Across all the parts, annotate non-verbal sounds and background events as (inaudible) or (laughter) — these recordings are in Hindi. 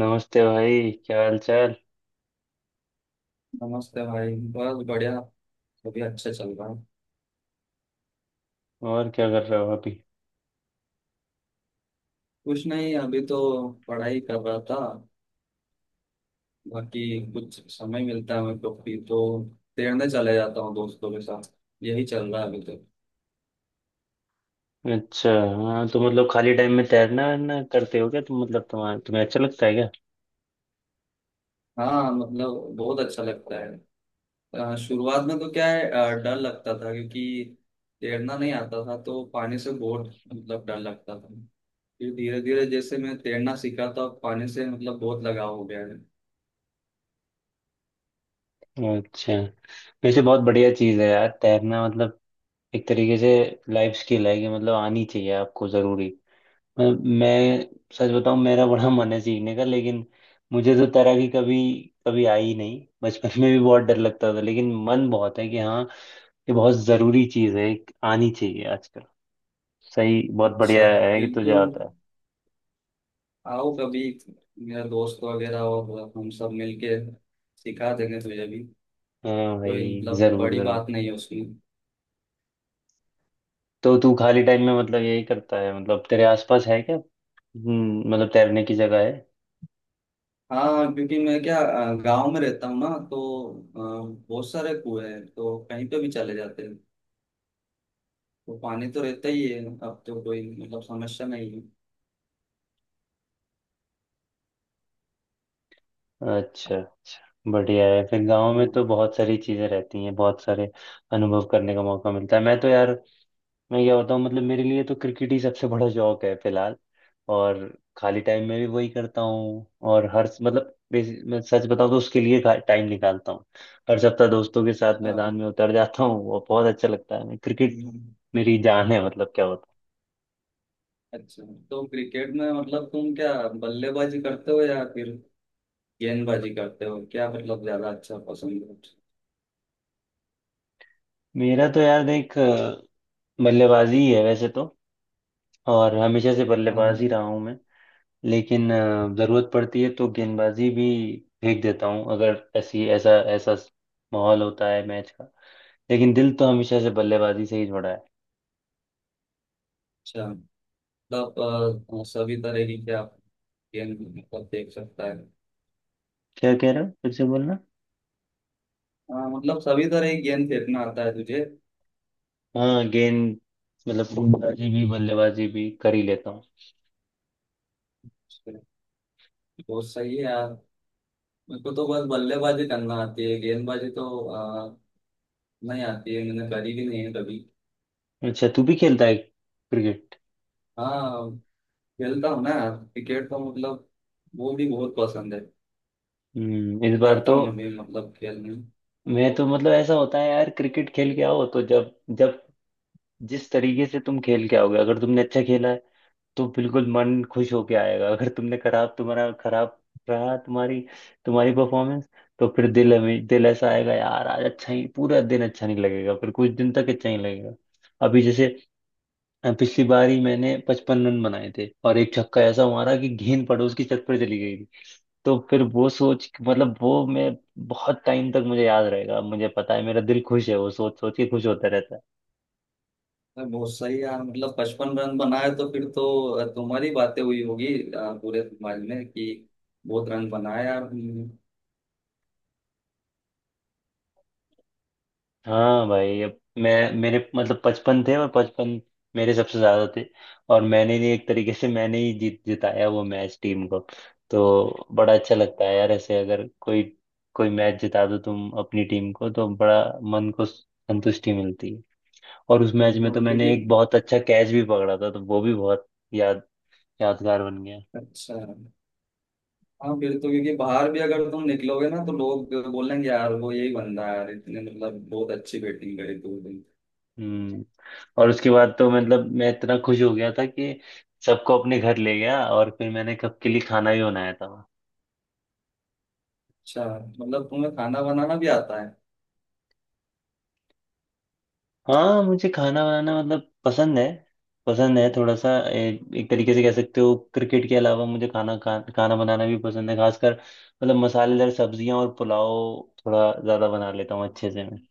नमस्ते भाई, क्या हाल चाल। नमस्ते भाई। बस बढ़िया। अभी अच्छे चल रहा है। और क्या कर रहे हो अभी। कुछ नहीं अभी तो पढ़ाई कर रहा था। बाकी कुछ समय मिलता है मेरे को फ्री तो तैरने चले जाता हूँ दोस्तों के साथ। यही चल रहा है अभी तक। अच्छा। हाँ, तो मतलब खाली टाइम में तैरना वैरना करते हो क्या तुम, मतलब तुम्हारा तुम्हें अच्छा लगता है क्या। हाँ, मतलब बहुत अच्छा लगता है। शुरुआत में तो क्या है, डर लगता था क्योंकि तैरना नहीं आता था तो पानी से बहुत मतलब डर लगता था। फिर धीरे धीरे जैसे मैं तैरना सीखा तो पानी से मतलब बहुत लगाव हो गया है। अच्छा, वैसे बहुत बढ़िया चीज़ है यार तैरना। मतलब एक तरीके से लाइफ स्किल है कि मतलब आनी चाहिए आपको, ज़रूरी। मतलब मैं सच बताऊं, मेरा बड़ा मन है सीखने का, लेकिन मुझे तो तैराकी कभी कभी आई ही नहीं। बचपन में भी बहुत डर लगता था, लेकिन मन बहुत है कि हाँ, ये बहुत ज़रूरी चीज़ है, एक आनी चाहिए आजकल। सही, बहुत अच्छा। बढ़िया है कि तुझे बिल्कुल। आता है। आओ कभी, मेरा दोस्त वगैरह और हम सब मिलके सिखा देंगे तुझे भी। हाँ कोई भाई, मतलब जरूर बड़ी जरूर। बात नहीं है उसमें। तो तू खाली टाइम में मतलब यही करता है, मतलब तेरे आसपास है क्या, हम्म, मतलब तैरने की जगह है। हाँ, क्योंकि मैं क्या, गांव में रहता हूँ ना तो बहुत सारे कुएं हैं तो कहीं पे भी चले जाते हैं। तो पानी तो रहता ही है। अब तो कोई मतलब समस्या नहीं है। अच्छा अच्छा, बढ़िया है फिर। गांव में तो हाँ। बहुत सारी चीजें रहती हैं, बहुत सारे अनुभव करने का मौका मिलता है। मैं तो यार, मैं क्या बताऊँ, मतलब मेरे लिए तो क्रिकेट ही सबसे बड़ा शौक है फिलहाल। और खाली टाइम में भी वही करता हूँ। और हर मतलब मैं सच बताऊँ तो उसके लिए टाइम निकालता हूँ। हर सप्ताह दोस्तों के साथ अच्छा। मैदान में उतर जाता हूँ, वो बहुत अच्छा लगता है। मैं क्रिकेट हम्म। मेरी जान है, मतलब क्या होता। अच्छा, तो क्रिकेट में मतलब तुम क्या बल्लेबाजी करते हो या फिर गेंदबाजी करते हो, क्या मतलब ज्यादा अच्छा पसंद है? मेरा तो यार देख, बल्लेबाजी ही है वैसे तो। और हमेशा से हाँ। बल्लेबाज ही रहा हूँ मैं। लेकिन जरूरत पड़ती है तो गेंदबाजी भी फेंक देता हूँ, अगर ऐसी ऐसा ऐसा माहौल होता है मैच का। लेकिन दिल तो हमेशा से बल्लेबाजी से ही जुड़ा है। अच्छा, मतलब सभी तरह की क्या गेंद मतलब देख सकता है। क्या कह रहे हो, फिर से बोलना। हाँ, मतलब सभी तरह की गेंद फेंकना आता है तुझे? हाँ गेंद मतलब गेंदबाजी भी बल्लेबाजी भी कर ही लेता हूँ। बहुत सही है यार। मेरे को तो बस बल्लेबाजी करना आती है, गेंदबाजी तो नहीं आती है, मैंने करी भी नहीं है कभी। अच्छा, तू भी खेलता है क्रिकेट। हाँ, खेलता हूँ ना यार क्रिकेट तो, मतलब वो भी बहुत पसंद है। हम्म, इस बार जाता तो हूँ मैं भी मतलब खेलने। मैं तो मतलब, ऐसा होता है यार, क्रिकेट खेल के आओ तो जब जब जिस तरीके से तुम खेल के आओगे, अगर तुमने अच्छा खेला है तो बिल्कुल मन खुश होके आएगा। अगर तुमने खराब तुम्हारा खराब रहा, तुम्हारी तुम्हारी परफॉर्मेंस, तो फिर दिल ऐसा आएगा यार आज, अच्छा ही पूरा दिन अच्छा नहीं लगेगा, फिर कुछ दिन तक अच्छा नहीं लगेगा। अभी जैसे पिछली बार ही मैंने 55 रन बनाए थे और एक छक्का ऐसा मारा कि गेंद पड़ोस की छत पर चली गई थी। तो फिर वो सोच, मतलब वो मैं बहुत टाइम तक मुझे याद रहेगा। मुझे पता है मेरा दिल खुश है, वो सोच सोच के खुश होता रहता है। अरे बहुत सही यार, मतलब 55 रन बनाए तो फिर तो तुम्हारी बातें हुई होगी पूरे समाज में कि बहुत रन बनाए यार। हाँ भाई, अब मैं मेरे मतलब 55 थे, और 55 मेरे सबसे ज्यादा थे। और मैंने ही एक तरीके से, मैंने ही जीत जिताया वो मैच टीम को। तो बड़ा अच्छा लगता है यार ऐसे, अगर कोई कोई मैच जिता दो तुम अपनी टीम को, तो बड़ा मन को संतुष्टि मिलती है। और उस मैच में तो बिल्कुल, मैंने क्योंकि एक बहुत अच्छा कैच भी पकड़ा था, तो वो भी बहुत याद यादगार बन गया। अच्छा। हाँ, फिर तो क्योंकि बाहर भी अगर तुम निकलोगे ना तो लोग बोलेंगे यार वो यही बंदा है यार, इतने मतलब बहुत अच्छी बैटिंग करी तू भी। हम्म। और उसके बाद तो मतलब मैं इतना खुश हो गया था कि सबको अपने घर ले गया, और फिर मैंने कब के लिए खाना भी बनाया था। अच्छा, मतलब तुम्हें खाना बनाना भी आता है। हाँ, मुझे खाना बनाना मतलब पसंद है। पसंद है थोड़ा सा, एक, एक तरीके से कह सकते हो क्रिकेट के अलावा मुझे खाना बनाना भी पसंद है। खासकर मतलब मसालेदार सब्जियां और पुलाव थोड़ा ज्यादा बना लेता हूँ अच्छे से मैं।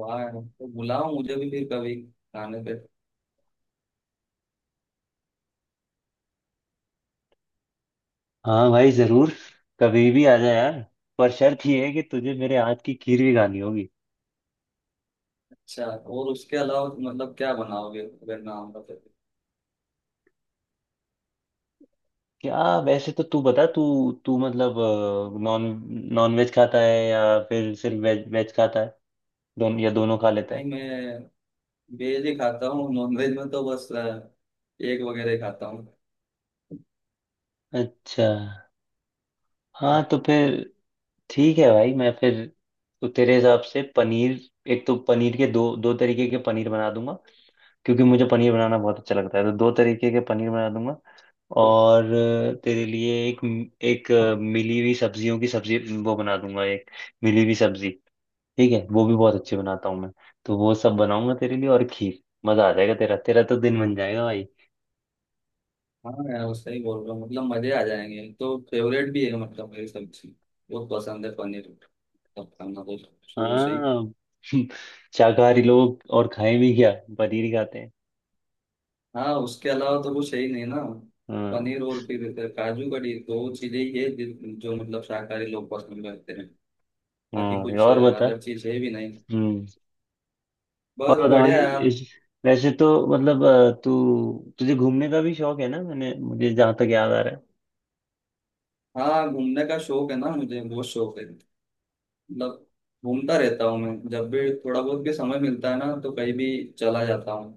वाह यार, तो बुलाओ मुझे भी फिर कभी खाने पे। हाँ भाई जरूर, कभी भी आ जा यार। पर शर्त ये है कि तुझे मेरे हाथ की खीर भी खानी होगी। अच्छा, और उसके अलावा तुम मतलब क्या बनाओगे अगर ना होगा तो? क्या, वैसे तो तू बता, तू तू मतलब नॉन नॉन वेज खाता है या फिर सिर्फ वेज वेज खाता है, दोनों, या दोनों खा लेता नहीं, है। मैं वेज ही खाता हूँ। नॉन वेज में तो बस एग वगैरह ही खाता हूँ। अच्छा, हाँ तो फिर ठीक है भाई, मैं फिर तो तेरे हिसाब से पनीर, एक तो पनीर के दो दो तरीके के पनीर बना दूंगा, क्योंकि मुझे पनीर बनाना बहुत अच्छा लगता है, तो दो तरीके के पनीर बना दूंगा। और तेरे लिए एक एक अ, मिली हुई सब्जियों की सब्जी वो बना दूंगा, एक मिली हुई सब्जी, ठीक है। वो भी बहुत अच्छी बनाता हूँ मैं, तो वो सब बनाऊंगा तेरे लिए और खीर। मजा आ जाएगा, तेरा तेरा तो दिन बन जाएगा भाई। हाँ यार, वो सही बोल रहा हूँ मतलब मजे आ जाएंगे। तो फेवरेट भी है मतलब, मेरी सब्जी बहुत पसंद है पनीर, सब खाना तो शुरू से ही। हाँ। (laughs) शाकाहारी लोग और खाए भी क्या, पनीर ही खाते हैं। हाँ, उसके अलावा तो कुछ है ही नहीं ना। हाँ। पनीर और फिर काजू कड़ी दो चीजें ही है जो मतलब शाकाहारी लोग पसंद करते हैं। बाकी हाँ कुछ और बता। अदर चीज है भी नहीं। हम्म। और बस बताइए, बढ़िया यार। इस, वैसे तो मतलब अ, तू तुझे घूमने का भी शौक है ना, मैंने मुझे जहाँ तक याद आ रहा है। हाँ, घूमने का शौक है ना, मुझे बहुत शौक है। मतलब घूमता रहता हूँ मैं, जब भी थोड़ा बहुत भी समय मिलता है ना तो कहीं भी चला जाता हूँ।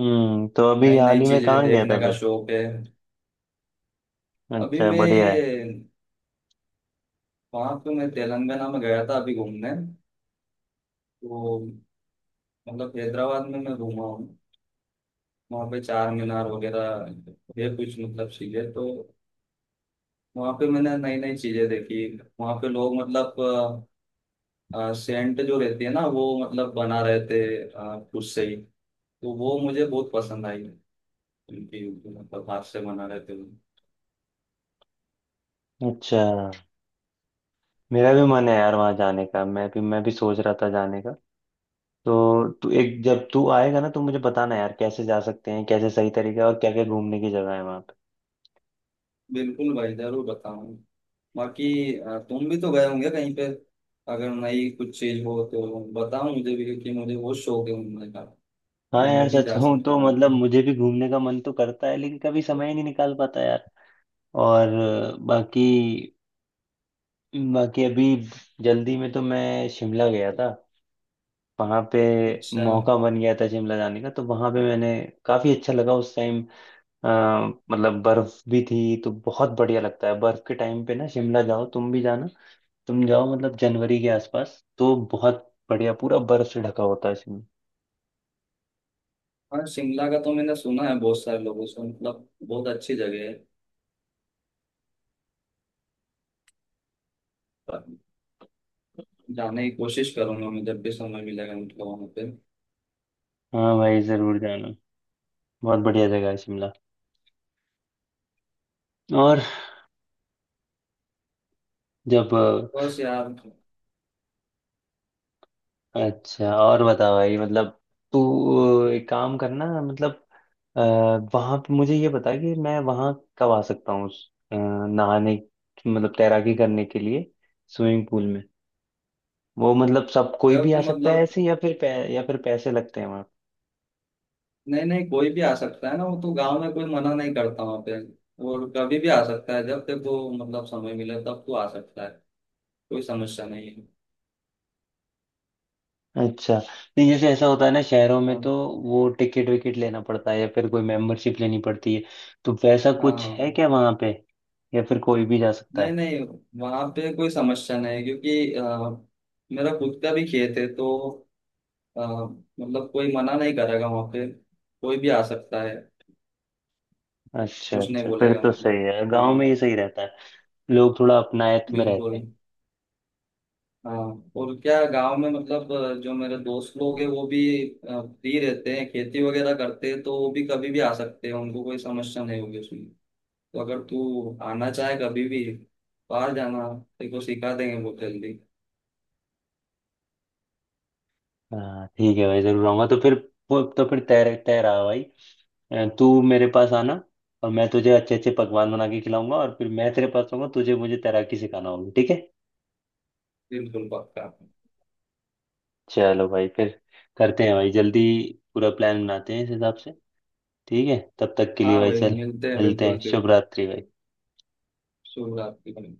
हम्म, तो अभी नई हाल नई ही में चीजें कहाँ गया देखने था का फिर। शौक है। अभी अच्छा, मैं बढ़िया ये, है। वहाँ पे मैं तेलंगाना में गया था अभी घूमने। तो मतलब हैदराबाद में मैं घूमा हूँ। वहाँ पे चार मीनार वगैरह है कुछ मतलब चीजें तो। वहाँ पे मैंने नई नई चीजें देखी। वहाँ पे लोग मतलब सेंट जो रहती है ना वो मतलब बना रहे थे खुद से ही। तो वो मुझे बहुत पसंद आई उनकी, मतलब हाथ से बना रहे थे वो। अच्छा, मेरा भी मन है यार वहाँ जाने का, मैं भी सोच रहा था जाने का। तो तू एक, जब तू आएगा ना तो मुझे बताना यार, कैसे जा सकते हैं, कैसे सही तरीका है, और क्या क्या घूमने की जगह है वहाँ पे। बिल्कुल भाई जरूर बताऊँ। बाकी तुम भी तो गए होंगे कहीं पे, अगर नई कुछ चीज हो तो बताओ मुझे भी क्योंकि मुझे बहुत शौक है घूमने का। हाँ यार, मैं भी सच जा कहूँ सकता तो हूँ वहाँ मतलब पे। मुझे भी घूमने का मन तो करता है, लेकिन कभी समय ही नहीं निकाल पाता यार। और बाकी बाकी अभी जल्दी में तो मैं शिमला गया था, वहां पे अच्छा। मौका बन गया था शिमला जाने का, तो वहां पे मैंने काफी अच्छा लगा उस टाइम। मतलब बर्फ भी थी, तो बहुत बढ़िया लगता है बर्फ के टाइम पे ना शिमला, जाओ तुम भी जाना। तुम जाओ मतलब जनवरी के आसपास, तो बहुत बढ़िया पूरा बर्फ से ढका होता है शिमला। हाँ, शिमला का तो मैंने सुना है बहुत सारे लोगों से, मतलब बहुत अच्छी जगह है। पर जाने की कोशिश करूंगा मैं जब भी समय मिलेगा मतलब वहाँ पे। हाँ भाई जरूर जाना, बहुत बढ़िया जगह है शिमला। और जब, बस यार। अच्छा और बता भाई, मतलब तू एक काम करना, मतलब अ, वहाँ पे मुझे ये बता कि मैं वहाँ कब आ सकता हूँ उस, नहाने मतलब तैराकी करने के लिए स्विमिंग पूल में। वो मतलब सब कोई भी जब आ सकता है मतलब ऐसे, या फिर या फिर पैसे लगते हैं वहाँ। नहीं नहीं, कोई भी आ सकता है ना, वो तो गांव में कोई मना नहीं करता वहाँ पे। और कभी भी आ सकता है, जब देखो मतलब समय मिले तब तो आ सकता है। कोई समस्या नहीं है। अच्छा, नहीं, जैसे ऐसा होता है ना शहरों में, हाँ। तो वो टिकट विकेट लेना पड़ता है, या फिर कोई मेंबरशिप लेनी पड़ती है, तो वैसा कुछ है हाँ, क्या वहाँ पे, या फिर कोई भी जा सकता नहीं है। नहीं, वहां पे कोई समस्या नहीं है, क्योंकि मेरा खुद का भी खेत है तो मतलब कोई मना नहीं करेगा वहां पे। कोई भी आ सकता है। अच्छा कुछ नहीं अच्छा, फिर बोलेगा तो सही मतलब है। गांव में ये सही रहता है, लोग थोड़ा अपनायत में रहते बिल्कुल। हैं। हाँ, और क्या, गांव में मतलब जो मेरे दोस्त लोग हैं वो भी फ्री रहते हैं, खेती वगैरह करते हैं तो वो भी कभी भी आ सकते हैं, उनको कोई समस्या नहीं होगी उसमें। तो अगर तू आना चाहे कभी भी बाहर जाना, तेरे को सिखा देंगे बहुत जल्दी। हाँ ठीक है भाई, जरूर आऊंगा तो फिर। तो फिर तय तय रहा भाई, तू मेरे पास आना और मैं तुझे अच्छे अच्छे पकवान बना के खिलाऊंगा, और फिर मैं तेरे पास आऊंगा, तुझे मुझे तैराकी सिखाना होगी, ठीक है। बिल्कुल पक्का। चलो भाई फिर करते हैं भाई जल्दी, पूरा प्लान बनाते हैं इस हिसाब से। ठीक है, तब तक के लिए हाँ भाई भाई, चल, मिलते हैं मिलते हैं। बिल्कुल फिर। शुभ रात्रि भाई। शुभ रात्रि।